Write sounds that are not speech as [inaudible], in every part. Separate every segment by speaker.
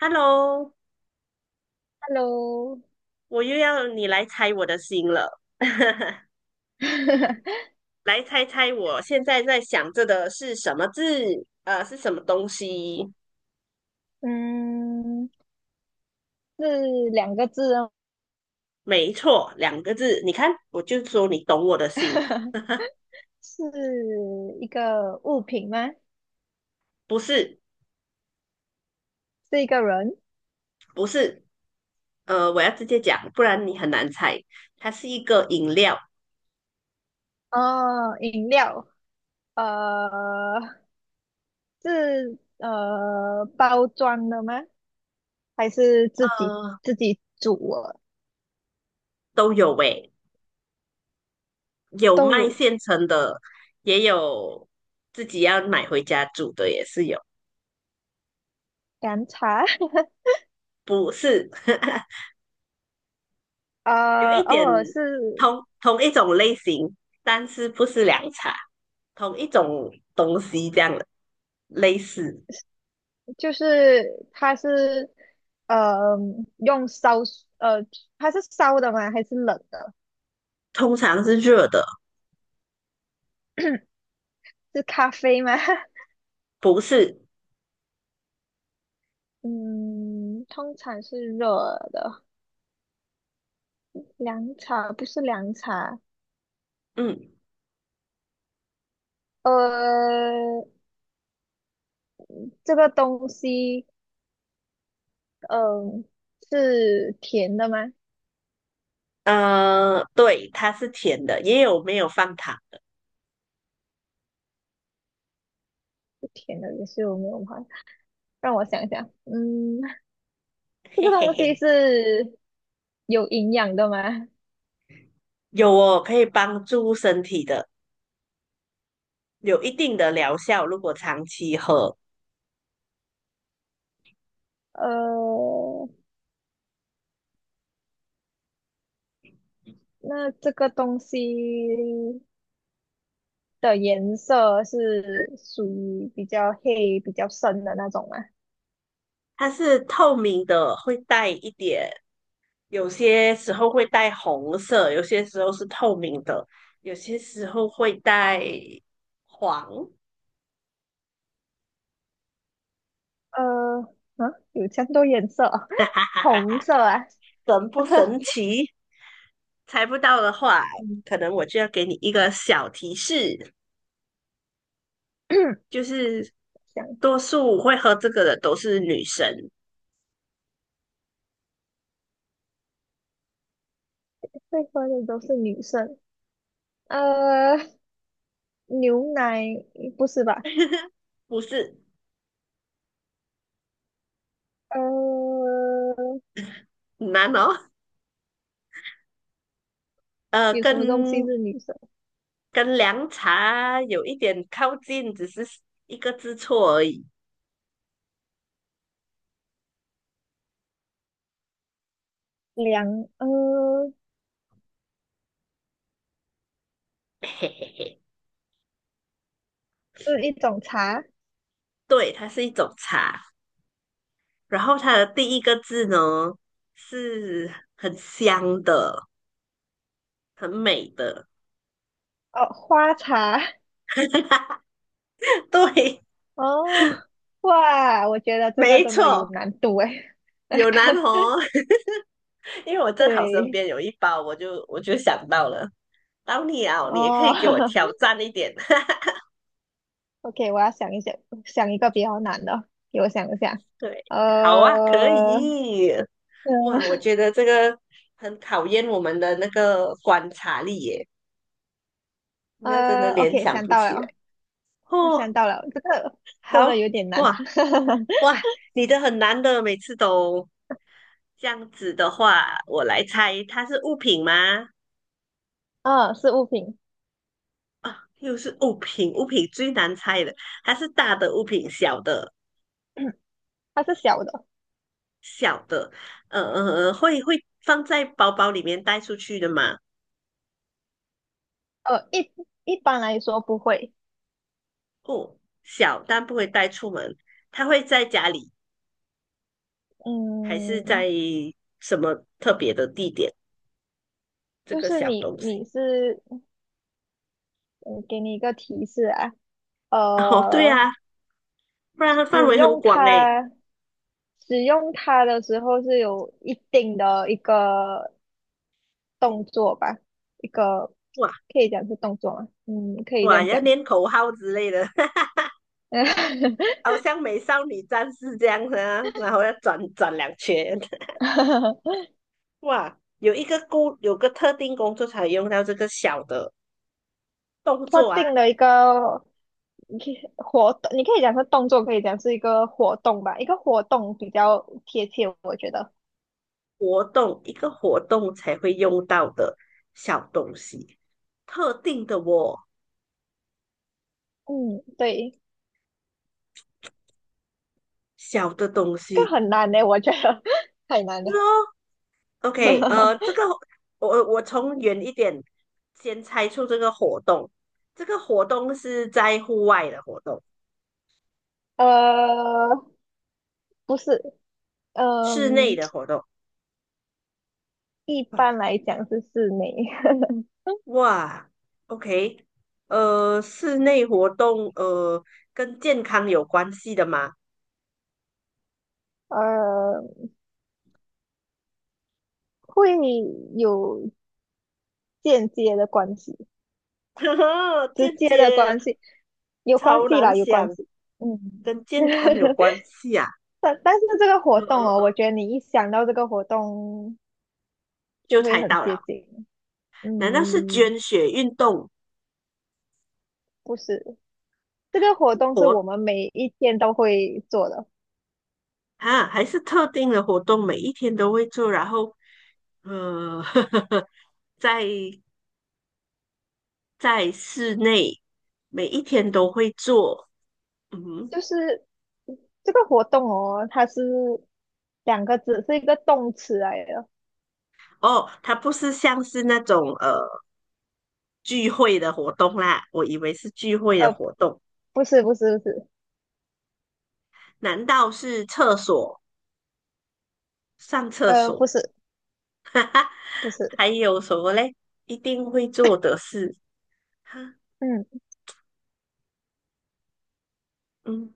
Speaker 1: Hello，
Speaker 2: Hello，
Speaker 1: 我又要你来猜我的心了，[laughs]
Speaker 2: [laughs]
Speaker 1: 来猜猜我现在在想着的是什么字？是什么东西？
Speaker 2: 嗯，是两个字哦，
Speaker 1: 没错，两个字。你看，我就说你懂我的心，
Speaker 2: [laughs] 是一个物品吗？
Speaker 1: 不是，
Speaker 2: 是一个人？
Speaker 1: 不是。我要直接讲，不然你很难猜。它是一个饮料，
Speaker 2: 哦，饮料，呃，是包装的吗？还是自己
Speaker 1: 呃，
Speaker 2: 煮的？
Speaker 1: 都有诶，有
Speaker 2: 都
Speaker 1: 卖
Speaker 2: 有。
Speaker 1: 现成的，也有自己要买回家煮的，也是有。
Speaker 2: 凉茶，
Speaker 1: 不是，[laughs]
Speaker 2: [laughs]
Speaker 1: 有
Speaker 2: 呃，
Speaker 1: 一点
Speaker 2: 哦，是
Speaker 1: 同一种类型，但是不是凉茶，同一种东西这样的类似，
Speaker 2: 就是它是呃用烧，呃，它是烧的吗？还是冷的？
Speaker 1: 通常是热的，
Speaker 2: 是咖啡吗？[laughs]
Speaker 1: 不是，
Speaker 2: 嗯，通常是热的，凉茶不是凉茶，
Speaker 1: 嗯
Speaker 2: 呃，这个东西，嗯、是甜的吗？
Speaker 1: 对，它是甜的，也有没有放糖，
Speaker 2: 是甜的，也是有没有吗？让我想想，嗯，这
Speaker 1: 嘿
Speaker 2: 个
Speaker 1: 嘿
Speaker 2: 东西
Speaker 1: 嘿，
Speaker 2: 是有营养的吗？
Speaker 1: 有哦，可以帮助身体的，有一定的疗效，如果长期喝，
Speaker 2: 呃，那这个东西的颜色是属于比较黑、比较深的那种吗？
Speaker 1: 它是透明的，会带一点有些时候会带红色，有些时候是透明的，有些时候会带黄，
Speaker 2: 呃，啊，有这么多颜色啊
Speaker 1: [laughs] 哈
Speaker 2: [laughs]
Speaker 1: 哈
Speaker 2: 红
Speaker 1: 哈，
Speaker 2: 色啊。
Speaker 1: 神不神
Speaker 2: [laughs]
Speaker 1: 奇？猜不到的话，
Speaker 2: 嗯
Speaker 1: 可能我就要给你一个小提示，就是
Speaker 2: [clears throat]，想一下
Speaker 1: 多数会喝这个的都是女生，
Speaker 2: 会喝的都是女生，呃，牛奶不是吧？
Speaker 1: [laughs] 不是
Speaker 2: 呃，
Speaker 1: 很难哦。呃，
Speaker 2: 有什么东西
Speaker 1: 跟
Speaker 2: 是女生？
Speaker 1: 跟凉茶有一点靠近，只是一个字错而已。
Speaker 2: 凉，呃，
Speaker 1: [laughs] 嘿嘿嘿，
Speaker 2: 是一种茶，
Speaker 1: 对，它是一种茶。然后它的第一个字呢是很香的，很美的。
Speaker 2: 哦，花茶，
Speaker 1: [laughs] 对，
Speaker 2: 哦，哇，我觉得这个
Speaker 1: 没
Speaker 2: 真的有
Speaker 1: 错，
Speaker 2: 难度诶。
Speaker 1: 有南红。[laughs] 因为我正好身
Speaker 2: 对，
Speaker 1: 边有一包，我就想到了，到你啊，你也可以给我
Speaker 2: 哦
Speaker 1: 挑战一点。[laughs]
Speaker 2: [laughs]，OK，我要想一想，想一个比较难的，给我想一下，
Speaker 1: 对，好啊，可
Speaker 2: 呃，嗯
Speaker 1: 以。哇，我觉得这个很考验我们的那个观察力耶，那真的
Speaker 2: 呃
Speaker 1: 联
Speaker 2: ，OK，
Speaker 1: 想
Speaker 2: 想
Speaker 1: 不
Speaker 2: 到
Speaker 1: 起来。
Speaker 2: 了。我想
Speaker 1: 哦，
Speaker 2: 到了，这个真的
Speaker 1: 好，
Speaker 2: 有点难。
Speaker 1: 哇哇，
Speaker 2: [laughs]
Speaker 1: 你的很难的，每次都。这样子的话，我来猜，它是物品吗？
Speaker 2: 嗯，是物品，
Speaker 1: 啊，又是物品，物品最难猜的，它是大的物品，小的？
Speaker 2: 它是小的。
Speaker 1: 小的，会放在包包里面带出去的吗？
Speaker 2: 呃，一一般来说不会。
Speaker 1: 哦，小，但不会带出门。它会在家里，还是
Speaker 2: 嗯，
Speaker 1: 在什么特别的地点？这
Speaker 2: 就
Speaker 1: 个
Speaker 2: 是
Speaker 1: 小
Speaker 2: 你
Speaker 1: 东
Speaker 2: 你
Speaker 1: 西。
Speaker 2: 是，嗯，给你一个提示啊，
Speaker 1: [laughs] 哦，对
Speaker 2: 呃，
Speaker 1: 啊，不然它范
Speaker 2: 使
Speaker 1: 围很
Speaker 2: 用
Speaker 1: 广诶。
Speaker 2: 它使用它的时候是有一定的一个动作吧，一个
Speaker 1: 哇
Speaker 2: 可以讲是动作吗？嗯，可以这
Speaker 1: 哇，
Speaker 2: 样
Speaker 1: 要
Speaker 2: 讲。
Speaker 1: 念口号之类的。好
Speaker 2: [laughs]
Speaker 1: 像美少女战士这样子啊，然后要转转两圈，[laughs] 哇，有个特定工作才用到这个小的动
Speaker 2: 特
Speaker 1: 作啊，
Speaker 2: 定的一个你可以活动，你可以讲是动作，可以讲是一个活动吧，一个活动比较贴切，我觉得。
Speaker 1: 活动一个活动才会用到的小东西，特定的哦，
Speaker 2: 嗯，对，
Speaker 1: 小的东
Speaker 2: 这
Speaker 1: 西。
Speaker 2: 个很难呢，我觉得 [laughs] 太难
Speaker 1: 就是哦
Speaker 2: 了。
Speaker 1: ，OK，这个
Speaker 2: [laughs]
Speaker 1: 我从远一点先猜出这个活动，这个活动是在户外的活动，
Speaker 2: 呃，不是，
Speaker 1: 室内
Speaker 2: 嗯、
Speaker 1: 的活动。
Speaker 2: 一般
Speaker 1: 哇
Speaker 2: 来讲是室内，
Speaker 1: 哇，OK，室内活动，跟健康有关系的吗？
Speaker 2: [laughs] 呃，会有间接的关系，
Speaker 1: [laughs]
Speaker 2: 直
Speaker 1: 间
Speaker 2: 接的
Speaker 1: 接，
Speaker 2: 关系，有关
Speaker 1: 超
Speaker 2: 系
Speaker 1: 难
Speaker 2: 啦，有关
Speaker 1: 想，
Speaker 2: 系。嗯，
Speaker 1: 跟健
Speaker 2: [laughs]
Speaker 1: 康有关系啊，
Speaker 2: 但是这个活
Speaker 1: 嗯嗯
Speaker 2: 动哦，我
Speaker 1: 嗯，
Speaker 2: 觉得你一想到这个活动
Speaker 1: 就
Speaker 2: 就会
Speaker 1: 猜
Speaker 2: 很
Speaker 1: 到
Speaker 2: 接
Speaker 1: 了，
Speaker 2: 近。
Speaker 1: 难道是
Speaker 2: 嗯，
Speaker 1: 捐血运动
Speaker 2: 不是，这个活动是
Speaker 1: 活
Speaker 2: 我们每一天都会做的，
Speaker 1: 啊，还是特定的活动，每一天都会做，然后，呃，[laughs] 在在室内每一天都会做，嗯哼。
Speaker 2: 就是这个活动哦，它是两个字，是一个动词来的，
Speaker 1: 哦，它不是像是那种聚会的活动啦，我以为是聚会
Speaker 2: 呃，
Speaker 1: 的活动，
Speaker 2: 不是，不是，不是，
Speaker 1: 难道是厕所上厕
Speaker 2: 呃，不
Speaker 1: 所？
Speaker 2: 是，
Speaker 1: [laughs] 哈哈
Speaker 2: 不是，
Speaker 1: 还有什么嘞？一定会做的事，哈，
Speaker 2: 嗯，
Speaker 1: 嗯，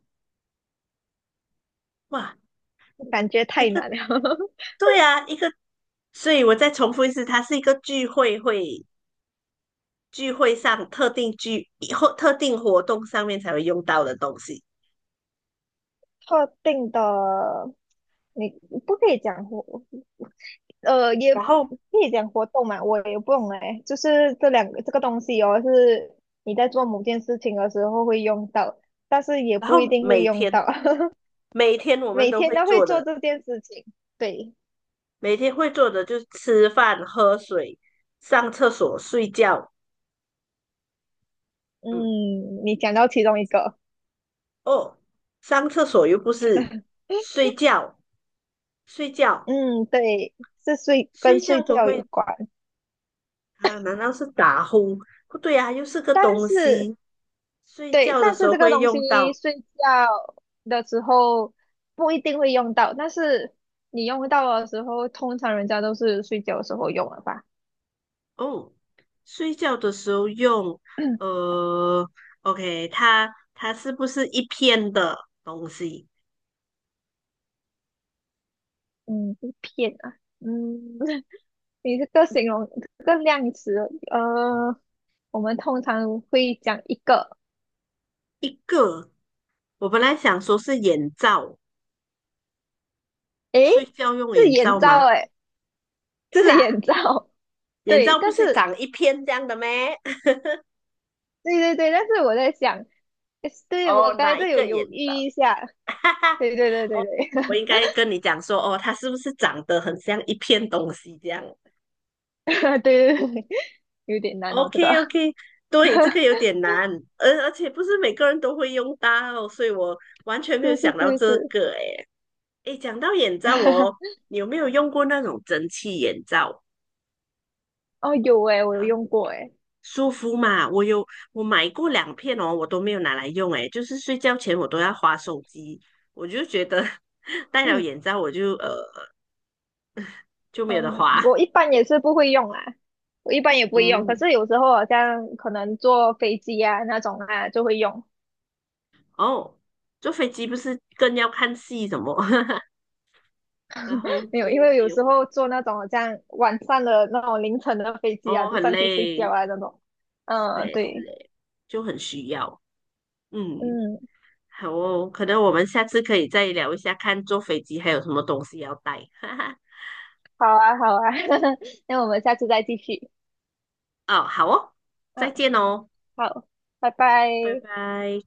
Speaker 1: 哇，
Speaker 2: 感觉
Speaker 1: 一
Speaker 2: 太
Speaker 1: 个
Speaker 2: 难了，[laughs]
Speaker 1: 对啊，一个，所以我再重复一次，它是一个聚会会聚会上特定聚或特定活动上面才会用到的东西。
Speaker 2: 特定的，你不可以讲活，呃，也
Speaker 1: 然
Speaker 2: 不
Speaker 1: 后，
Speaker 2: 可以讲活动嘛，我也不懂哎，就是这两个这个东西哦，是你在做某件事情的时候会用到，但是也
Speaker 1: 然
Speaker 2: 不一
Speaker 1: 后
Speaker 2: 定会
Speaker 1: 每
Speaker 2: 用
Speaker 1: 天
Speaker 2: 到。[laughs]
Speaker 1: 每天我们
Speaker 2: 每
Speaker 1: 都
Speaker 2: 天
Speaker 1: 会
Speaker 2: 都会
Speaker 1: 做
Speaker 2: 做
Speaker 1: 的，
Speaker 2: 这件事情。对，
Speaker 1: 每天会做的就是吃饭、喝水、上厕所、睡觉，嗯，
Speaker 2: 嗯，你讲到其中一个，
Speaker 1: 哦，上厕所又不是睡觉，睡觉，
Speaker 2: 嗯，对，是睡
Speaker 1: 睡
Speaker 2: 跟
Speaker 1: 觉
Speaker 2: 睡
Speaker 1: 都
Speaker 2: 觉有
Speaker 1: 会
Speaker 2: 关，
Speaker 1: 啊？难道是打呼？不对啊，又是个
Speaker 2: 但
Speaker 1: 东
Speaker 2: 是
Speaker 1: 西。睡
Speaker 2: 对，
Speaker 1: 觉的
Speaker 2: 但
Speaker 1: 时
Speaker 2: 是
Speaker 1: 候
Speaker 2: 这个
Speaker 1: 会
Speaker 2: 东
Speaker 1: 用
Speaker 2: 西
Speaker 1: 到
Speaker 2: 睡觉的时候不一定会用到，但是你用到的时候，通常人家都是睡觉的时候用了吧？
Speaker 1: 哦，睡觉的时候用呃，OK，它是不是一片的东西？
Speaker 2: 嗯，一片啊，嗯，[laughs] 你这个形容这个量词，呃，我们通常会讲一个，
Speaker 1: 一个，我本来想说是眼罩，
Speaker 2: 诶，
Speaker 1: 睡觉用
Speaker 2: 自
Speaker 1: 眼罩
Speaker 2: 眼罩，
Speaker 1: 吗？
Speaker 2: 诶，
Speaker 1: 是
Speaker 2: 自眼
Speaker 1: 啊，
Speaker 2: 罩。
Speaker 1: 眼
Speaker 2: 对，
Speaker 1: 罩不
Speaker 2: 但
Speaker 1: 是
Speaker 2: 是
Speaker 1: 长一片这样的咩？
Speaker 2: 对对对，但是我在想，
Speaker 1: [laughs]
Speaker 2: 对我
Speaker 1: 哦，
Speaker 2: 刚才
Speaker 1: 哪一
Speaker 2: 这有
Speaker 1: 个眼
Speaker 2: 犹豫
Speaker 1: 罩？
Speaker 2: 一下，
Speaker 1: [laughs] 哈哈。
Speaker 2: 对对对对对，
Speaker 1: 我应该跟你讲说，哦，它是不是长得很像一片东西这样
Speaker 2: [laughs] 对对对，[laughs] 有点难哦，这个
Speaker 1: ？OK OK，对，这个有
Speaker 2: [laughs]
Speaker 1: 点难，而且不是每个人都会用到，所以我完全没有
Speaker 2: 是是
Speaker 1: 想到
Speaker 2: 是
Speaker 1: 这
Speaker 2: 是，
Speaker 1: 个。诶诶，讲到眼罩哦，
Speaker 2: [laughs]
Speaker 1: 你有没有用过那种蒸汽眼罩？
Speaker 2: 哦有诶，我有
Speaker 1: 好
Speaker 2: 用过诶，
Speaker 1: 舒服嘛，我买过2片哦，我都没有拿来用。诶，就是睡觉前我都要划手机，我就觉得 [laughs] 戴了眼罩我就就没有得
Speaker 2: 嗯，
Speaker 1: 划。
Speaker 2: 我一般也是不会用啊，我一般也不会用，可
Speaker 1: 嗯，
Speaker 2: 是有时候好像可能坐飞机啊那种啊就会用，
Speaker 1: 哦，坐飞机不是更要看戏什么，[laughs] 然
Speaker 2: [laughs]
Speaker 1: 后
Speaker 2: 没有，因
Speaker 1: 就
Speaker 2: 为
Speaker 1: 没
Speaker 2: 有
Speaker 1: 有
Speaker 2: 时
Speaker 1: 了。
Speaker 2: 候坐那种好像晚上的那种凌晨的飞机啊，
Speaker 1: 哦，
Speaker 2: 就
Speaker 1: 很
Speaker 2: 上去睡觉
Speaker 1: 累，
Speaker 2: 啊那种，
Speaker 1: 是
Speaker 2: 嗯，
Speaker 1: 嘞，是
Speaker 2: 对。
Speaker 1: 嘞，就很需要。嗯，
Speaker 2: 嗯，
Speaker 1: 好哦，可能我们下次可以再聊一下，看坐飞机还有什么东西要带。[laughs] 哈哈，
Speaker 2: 好啊，好啊，[laughs] 那我们下次再继续。
Speaker 1: 哦，好哦，再
Speaker 2: 嗯，
Speaker 1: 见哦，
Speaker 2: 好，拜拜。
Speaker 1: 拜拜。